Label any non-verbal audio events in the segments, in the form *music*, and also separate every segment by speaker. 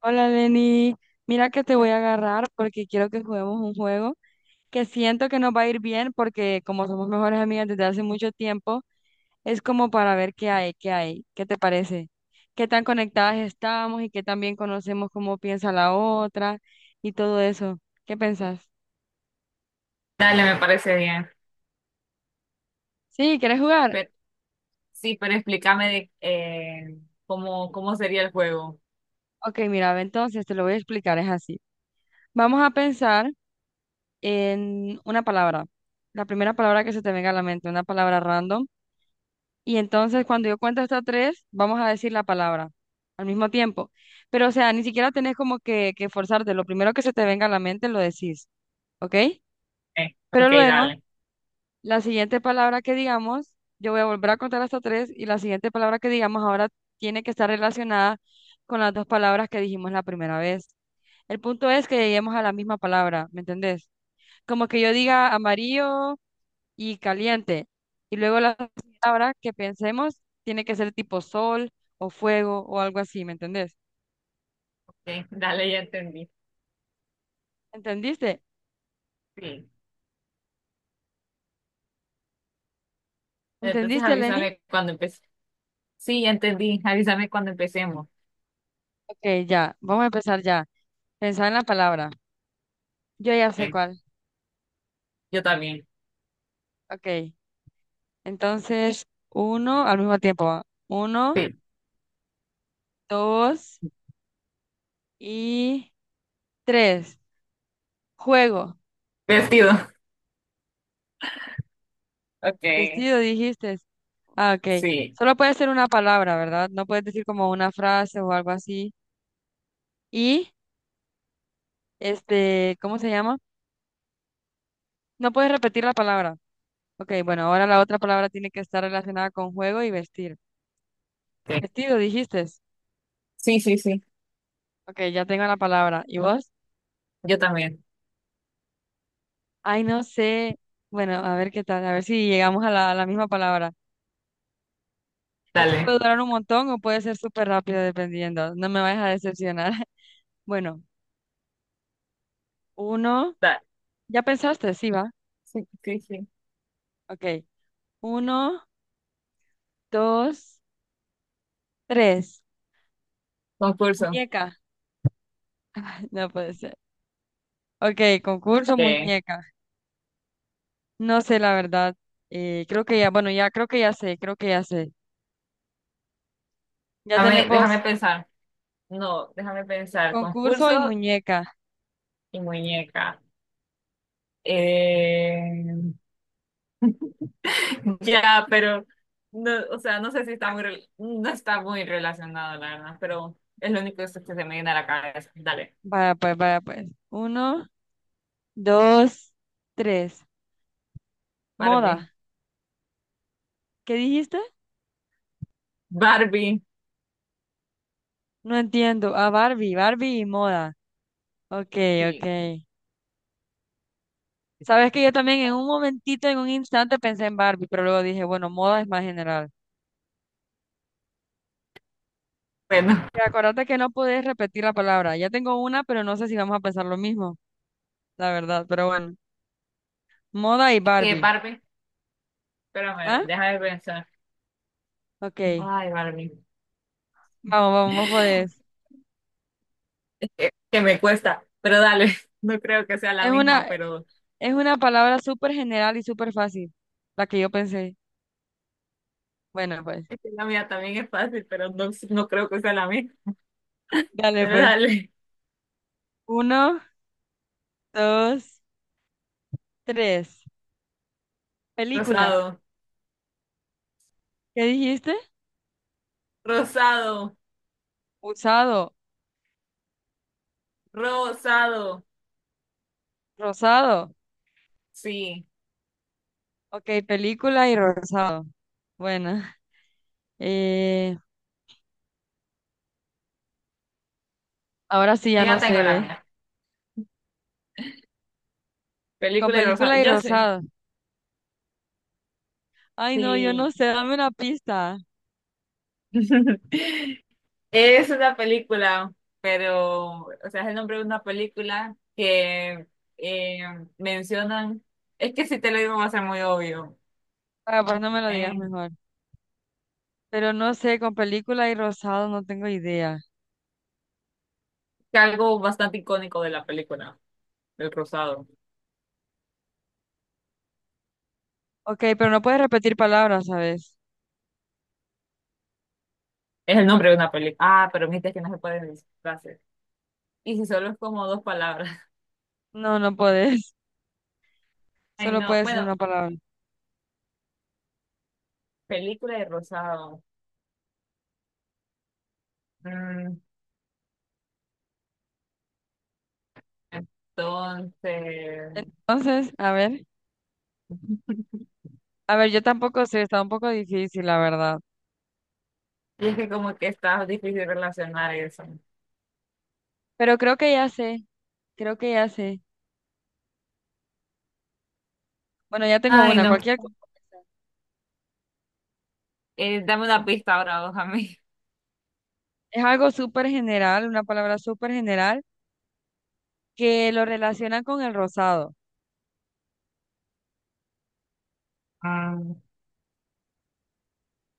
Speaker 1: Hola Lenny, mira que te voy a agarrar porque quiero que juguemos un juego que siento que nos va a ir bien porque como somos mejores amigas desde hace mucho tiempo, es como para ver qué hay, qué te parece, qué tan conectadas estamos y qué tan bien conocemos cómo piensa la otra y todo eso. ¿Qué pensás?
Speaker 2: Dale, me parece bien.
Speaker 1: Sí, ¿quieres jugar?
Speaker 2: Pero, sí, pero explícame cómo, cómo sería el juego.
Speaker 1: Ok, mira, ve, entonces te lo voy a explicar, es así. Vamos a pensar en una palabra, la primera palabra que se te venga a la mente, una palabra random. Y entonces cuando yo cuento hasta tres, vamos a decir la palabra al mismo tiempo. Pero o sea, ni siquiera tenés como que forzarte. Lo primero que se te venga a la mente lo decís, ¿ok? Pero
Speaker 2: Ok,
Speaker 1: luego,
Speaker 2: dale.
Speaker 1: la siguiente palabra que digamos, yo voy a volver a contar hasta tres y la siguiente palabra que digamos ahora tiene que estar relacionada con las dos palabras que dijimos la primera vez. El punto es que lleguemos a la misma palabra, ¿me entendés? Como que yo diga amarillo y caliente. Y luego la palabra que pensemos tiene que ser tipo sol o fuego o algo así, ¿me entendés?
Speaker 2: Ok, dale, ya entendí.
Speaker 1: ¿Entendiste?
Speaker 2: Sí. Entonces
Speaker 1: ¿Entendiste, Lenny?
Speaker 2: avísame cuando empecemos. Sí, ya entendí. Avísame cuando empecemos.
Speaker 1: Ok, ya, vamos a empezar ya. Pensar en la palabra. Yo ya sé
Speaker 2: Eh,
Speaker 1: cuál.
Speaker 2: Yo también.
Speaker 1: Ok, entonces uno al mismo tiempo. ¿Va? Uno,
Speaker 2: Sí.
Speaker 1: dos y tres. Juego.
Speaker 2: Vestido. Ok,
Speaker 1: Vestido, dijiste. Ah, ok.
Speaker 2: sí.
Speaker 1: Solo puede ser una palabra, ¿verdad? No puedes decir como una frase o algo así. Y, este, ¿cómo se llama? No puedes repetir la palabra. Ok, bueno, ahora la otra palabra tiene que estar relacionada con juego y vestir.
Speaker 2: Ok.
Speaker 1: Vestido, dijiste.
Speaker 2: Sí, sí, sí.
Speaker 1: Ok, ya tengo la palabra. ¿Y vos?
Speaker 2: Yo también.
Speaker 1: Ay, no sé. Bueno, a ver qué tal, a ver si llegamos a la misma palabra. Esto
Speaker 2: Dale.
Speaker 1: puede durar un montón o puede ser súper rápido dependiendo. No me vayas a decepcionar. *laughs* Bueno, uno.
Speaker 2: Dale.
Speaker 1: ¿Ya pensaste? Sí, va.
Speaker 2: Sí, sí, sí.
Speaker 1: Ok. Uno, dos, tres.
Speaker 2: Concurso.
Speaker 1: Muñeca. *laughs* No puede ser. Ok, concurso
Speaker 2: Eh,
Speaker 1: muñeca. No sé, la verdad. Creo que ya, bueno, ya creo que ya sé, creo que ya sé. Ya
Speaker 2: déjame
Speaker 1: tenemos
Speaker 2: pensar. No, déjame pensar.
Speaker 1: concurso y
Speaker 2: Concurso
Speaker 1: muñeca.
Speaker 2: y muñeca. Eh, Ya, pero no, o sea, no sé si está muy no está muy relacionado, la verdad, pero es lo único que se me viene a la cabeza. Dale,
Speaker 1: Vaya, pues, vaya, pues. Uno, dos, tres.
Speaker 2: Barbie.
Speaker 1: Moda. ¿Qué dijiste?
Speaker 2: Barbie,
Speaker 1: No entiendo. Ah, Barbie, Barbie y moda. Ok,
Speaker 2: sí.
Speaker 1: ok. Sabes que yo también en un momentito, en un instante pensé en Barbie, pero luego dije, bueno, moda es más general.
Speaker 2: Bueno,
Speaker 1: Ok, acuérdate que no puedes repetir la palabra. Ya tengo una, pero no sé si vamos a pensar lo mismo, la verdad, pero bueno. Moda y
Speaker 2: es que
Speaker 1: Barbie.
Speaker 2: Barbie, espérame,
Speaker 1: ¿Ah?
Speaker 2: deja de pensar.
Speaker 1: Ok.
Speaker 2: Ay, Barbie.
Speaker 1: Vamos, vamos, vos podés.
Speaker 2: Que me cuesta, pero dale, *laughs* no creo que sea la
Speaker 1: Es
Speaker 2: misma,
Speaker 1: una,
Speaker 2: pero
Speaker 1: es una palabra súper general y súper fácil, la que yo pensé. Bueno, pues.
Speaker 2: es que la mía también es fácil, pero no, no creo que sea la misma.
Speaker 1: *laughs* Dale,
Speaker 2: Pero
Speaker 1: pues.
Speaker 2: dale,
Speaker 1: Uno, dos, tres. Película.
Speaker 2: rosado,
Speaker 1: ¿Qué dijiste?
Speaker 2: rosado,
Speaker 1: Usado,
Speaker 2: rosado.
Speaker 1: rosado.
Speaker 2: Sí,
Speaker 1: Ok, película y rosado. Bueno, eh, ahora sí ya no
Speaker 2: ya tengo
Speaker 1: se
Speaker 2: la
Speaker 1: ve.
Speaker 2: mía.
Speaker 1: Con
Speaker 2: Película y rosado.
Speaker 1: película y
Speaker 2: Yo sé.
Speaker 1: rosado. Ay, no, yo no
Speaker 2: Sí.
Speaker 1: sé, dame una pista.
Speaker 2: *laughs* Es una película, pero, o sea, es el nombre de una película que eh, mencionan, es que si te lo digo va a ser muy obvio,
Speaker 1: Ah, pues no me lo digas
Speaker 2: eh,
Speaker 1: mejor. Pero no sé, con película y rosado no tengo idea.
Speaker 2: que algo bastante icónico de la película, El Cruzado.
Speaker 1: Ok, pero no puedes repetir palabras, ¿sabes?
Speaker 2: Es el nombre de una película. Ah, pero viste que no se pueden decir frases. Y si solo es como dos palabras. *laughs*
Speaker 1: No, no puedes. *laughs*
Speaker 2: Ay,
Speaker 1: Solo
Speaker 2: no.
Speaker 1: puede ser una
Speaker 2: Bueno,
Speaker 1: palabra.
Speaker 2: película de rosado. Mm, entonces,
Speaker 1: Entonces, a ver. A ver, yo tampoco sé, está un poco difícil, la verdad.
Speaker 2: y es que como que está difícil relacionar eso.
Speaker 1: Pero creo que ya sé, creo que ya sé. Bueno, ya tengo
Speaker 2: Ay,
Speaker 1: una,
Speaker 2: no.
Speaker 1: cualquier cosa.
Speaker 2: Dame una pista ahora vos a mí.
Speaker 1: Es algo súper general, una palabra súper general, que lo relacionan con el rosado.
Speaker 2: Ah,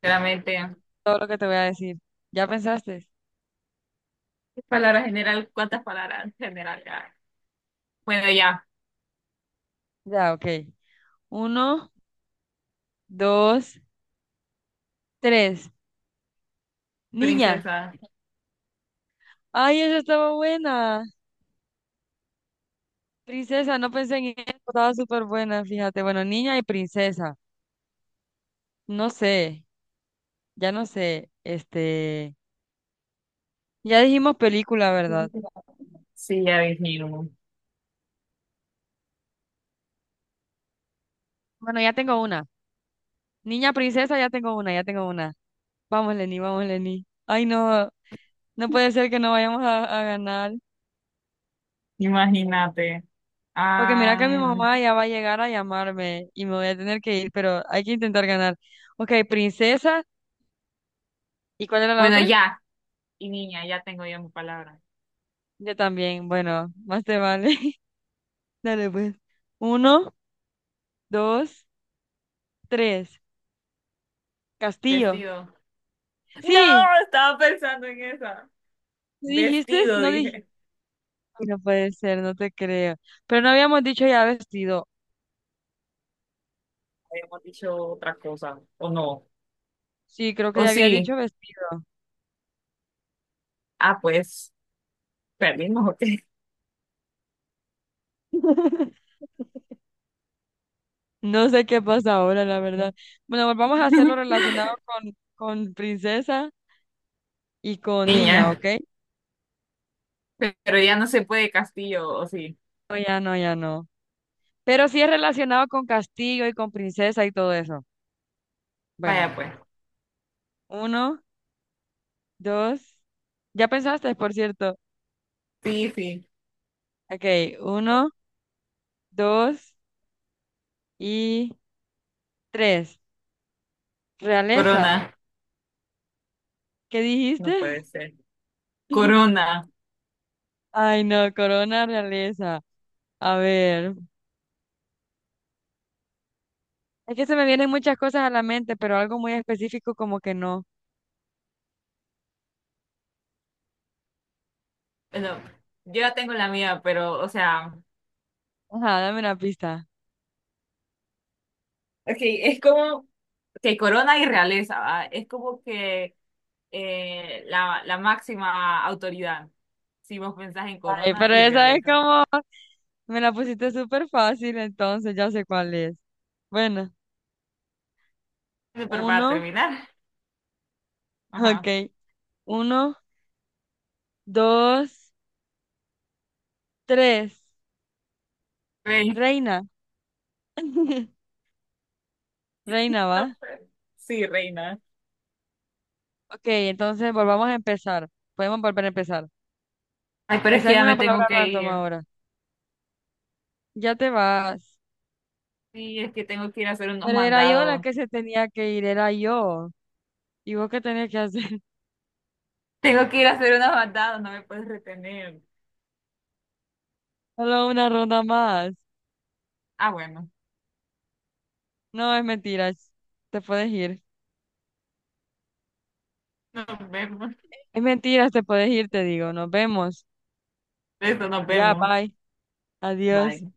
Speaker 2: claramente.
Speaker 1: Todo lo que te voy a decir. ¿Ya pensaste?
Speaker 2: ¿Qué palabra general? ¿Cuántas palabras general ya? Bueno, ya,
Speaker 1: Ya, ok. Uno, dos, tres. Niña.
Speaker 2: princesa.
Speaker 1: Ay, esa estaba buena. Princesa, no pensé en ella, estaba súper buena, fíjate. Bueno, niña y princesa. No sé, ya no sé. Este, ya dijimos película, ¿verdad?
Speaker 2: Sí, ya dijimos.
Speaker 1: Bueno, ya tengo una. Niña princesa, ya tengo una, ya tengo una. Vamos, Lenny, vamos, Lenny. Ay, no, no puede ser que no vayamos a ganar.
Speaker 2: Imagínate.
Speaker 1: Porque mira que mi
Speaker 2: Am,
Speaker 1: mamá ya va a llegar a llamarme y me voy a tener que ir, pero hay que intentar ganar. Ok, princesa. ¿Y cuál era la
Speaker 2: bueno,
Speaker 1: otra?
Speaker 2: ya. Y niña, ya tengo yo mi palabra.
Speaker 1: Yo también. Bueno, más te vale. *laughs* Dale, pues. Uno, dos, tres. Castillo.
Speaker 2: Vestido. No,
Speaker 1: Sí,
Speaker 2: estaba pensando en esa.
Speaker 1: dijiste?
Speaker 2: Vestido,
Speaker 1: ¿No dijiste?
Speaker 2: dije.
Speaker 1: *laughs* No puede ser, no te creo. Pero no habíamos dicho ya vestido.
Speaker 2: ¿Habíamos dicho otra cosa, o no?
Speaker 1: Sí, creo que
Speaker 2: ¿O
Speaker 1: ya había
Speaker 2: sí?
Speaker 1: dicho vestido.
Speaker 2: Ah, pues, perdimos, ok.
Speaker 1: *laughs* No sé qué pasa ahora, la verdad. Bueno, pues vamos a hacerlo
Speaker 2: *laughs*
Speaker 1: relacionado con princesa y con niña, ¿ok?
Speaker 2: Niña. Pero ya no se puede castillo, o sí.
Speaker 1: No, ya no, ya no. Pero sí es relacionado con castillo y con princesa y todo eso. Bueno,
Speaker 2: Vaya pues.
Speaker 1: uno, dos. Ya pensaste, por cierto.
Speaker 2: Sí, sí.
Speaker 1: Ok, uno, dos y tres. Realeza.
Speaker 2: Corona.
Speaker 1: ¿Qué
Speaker 2: No
Speaker 1: dijiste?
Speaker 2: puede ser.
Speaker 1: *laughs*
Speaker 2: Corona.
Speaker 1: Ay, no, corona realeza. A ver. Es que se me vienen muchas cosas a la mente, pero algo muy específico como que no.
Speaker 2: Bueno, yo ya tengo la mía, pero, o sea,
Speaker 1: Ajá, dame una pista.
Speaker 2: es es como que corona y realeza, ¿va? Es como que la máxima autoridad. Si vos pensás en
Speaker 1: Ay,
Speaker 2: corona
Speaker 1: pero
Speaker 2: y
Speaker 1: esa es
Speaker 2: realeza.
Speaker 1: como, me la pusiste súper fácil, entonces ya sé cuál es. Bueno,
Speaker 2: Bueno, pero para
Speaker 1: uno,
Speaker 2: terminar, ajá.
Speaker 1: ok. Uno, dos, tres.
Speaker 2: Reina.
Speaker 1: Reina. *laughs* Reina,
Speaker 2: No,
Speaker 1: ¿va?
Speaker 2: pues, sí, reina.
Speaker 1: Ok, entonces volvamos a empezar. Podemos volver a empezar.
Speaker 2: Ay, pero es
Speaker 1: Pensá
Speaker 2: que
Speaker 1: en
Speaker 2: ya
Speaker 1: una
Speaker 2: me tengo
Speaker 1: palabra
Speaker 2: que
Speaker 1: random
Speaker 2: ir.
Speaker 1: ahora. Ya te vas.
Speaker 2: Sí, es que tengo que ir a hacer unos
Speaker 1: Pero era yo la
Speaker 2: mandados.
Speaker 1: que se tenía que ir, era yo. ¿Y vos qué tenías que hacer? *laughs*
Speaker 2: Tengo que ir a hacer unas bandadas, no me puedes retener.
Speaker 1: Solo una ronda más.
Speaker 2: Ah, bueno,
Speaker 1: No, es mentiras. Te puedes ir.
Speaker 2: nos vemos.
Speaker 1: Es mentiras, te puedes ir, te digo. Nos vemos.
Speaker 2: Eso, nos
Speaker 1: Ya,
Speaker 2: vemos.
Speaker 1: bye. Adiós.
Speaker 2: Bye.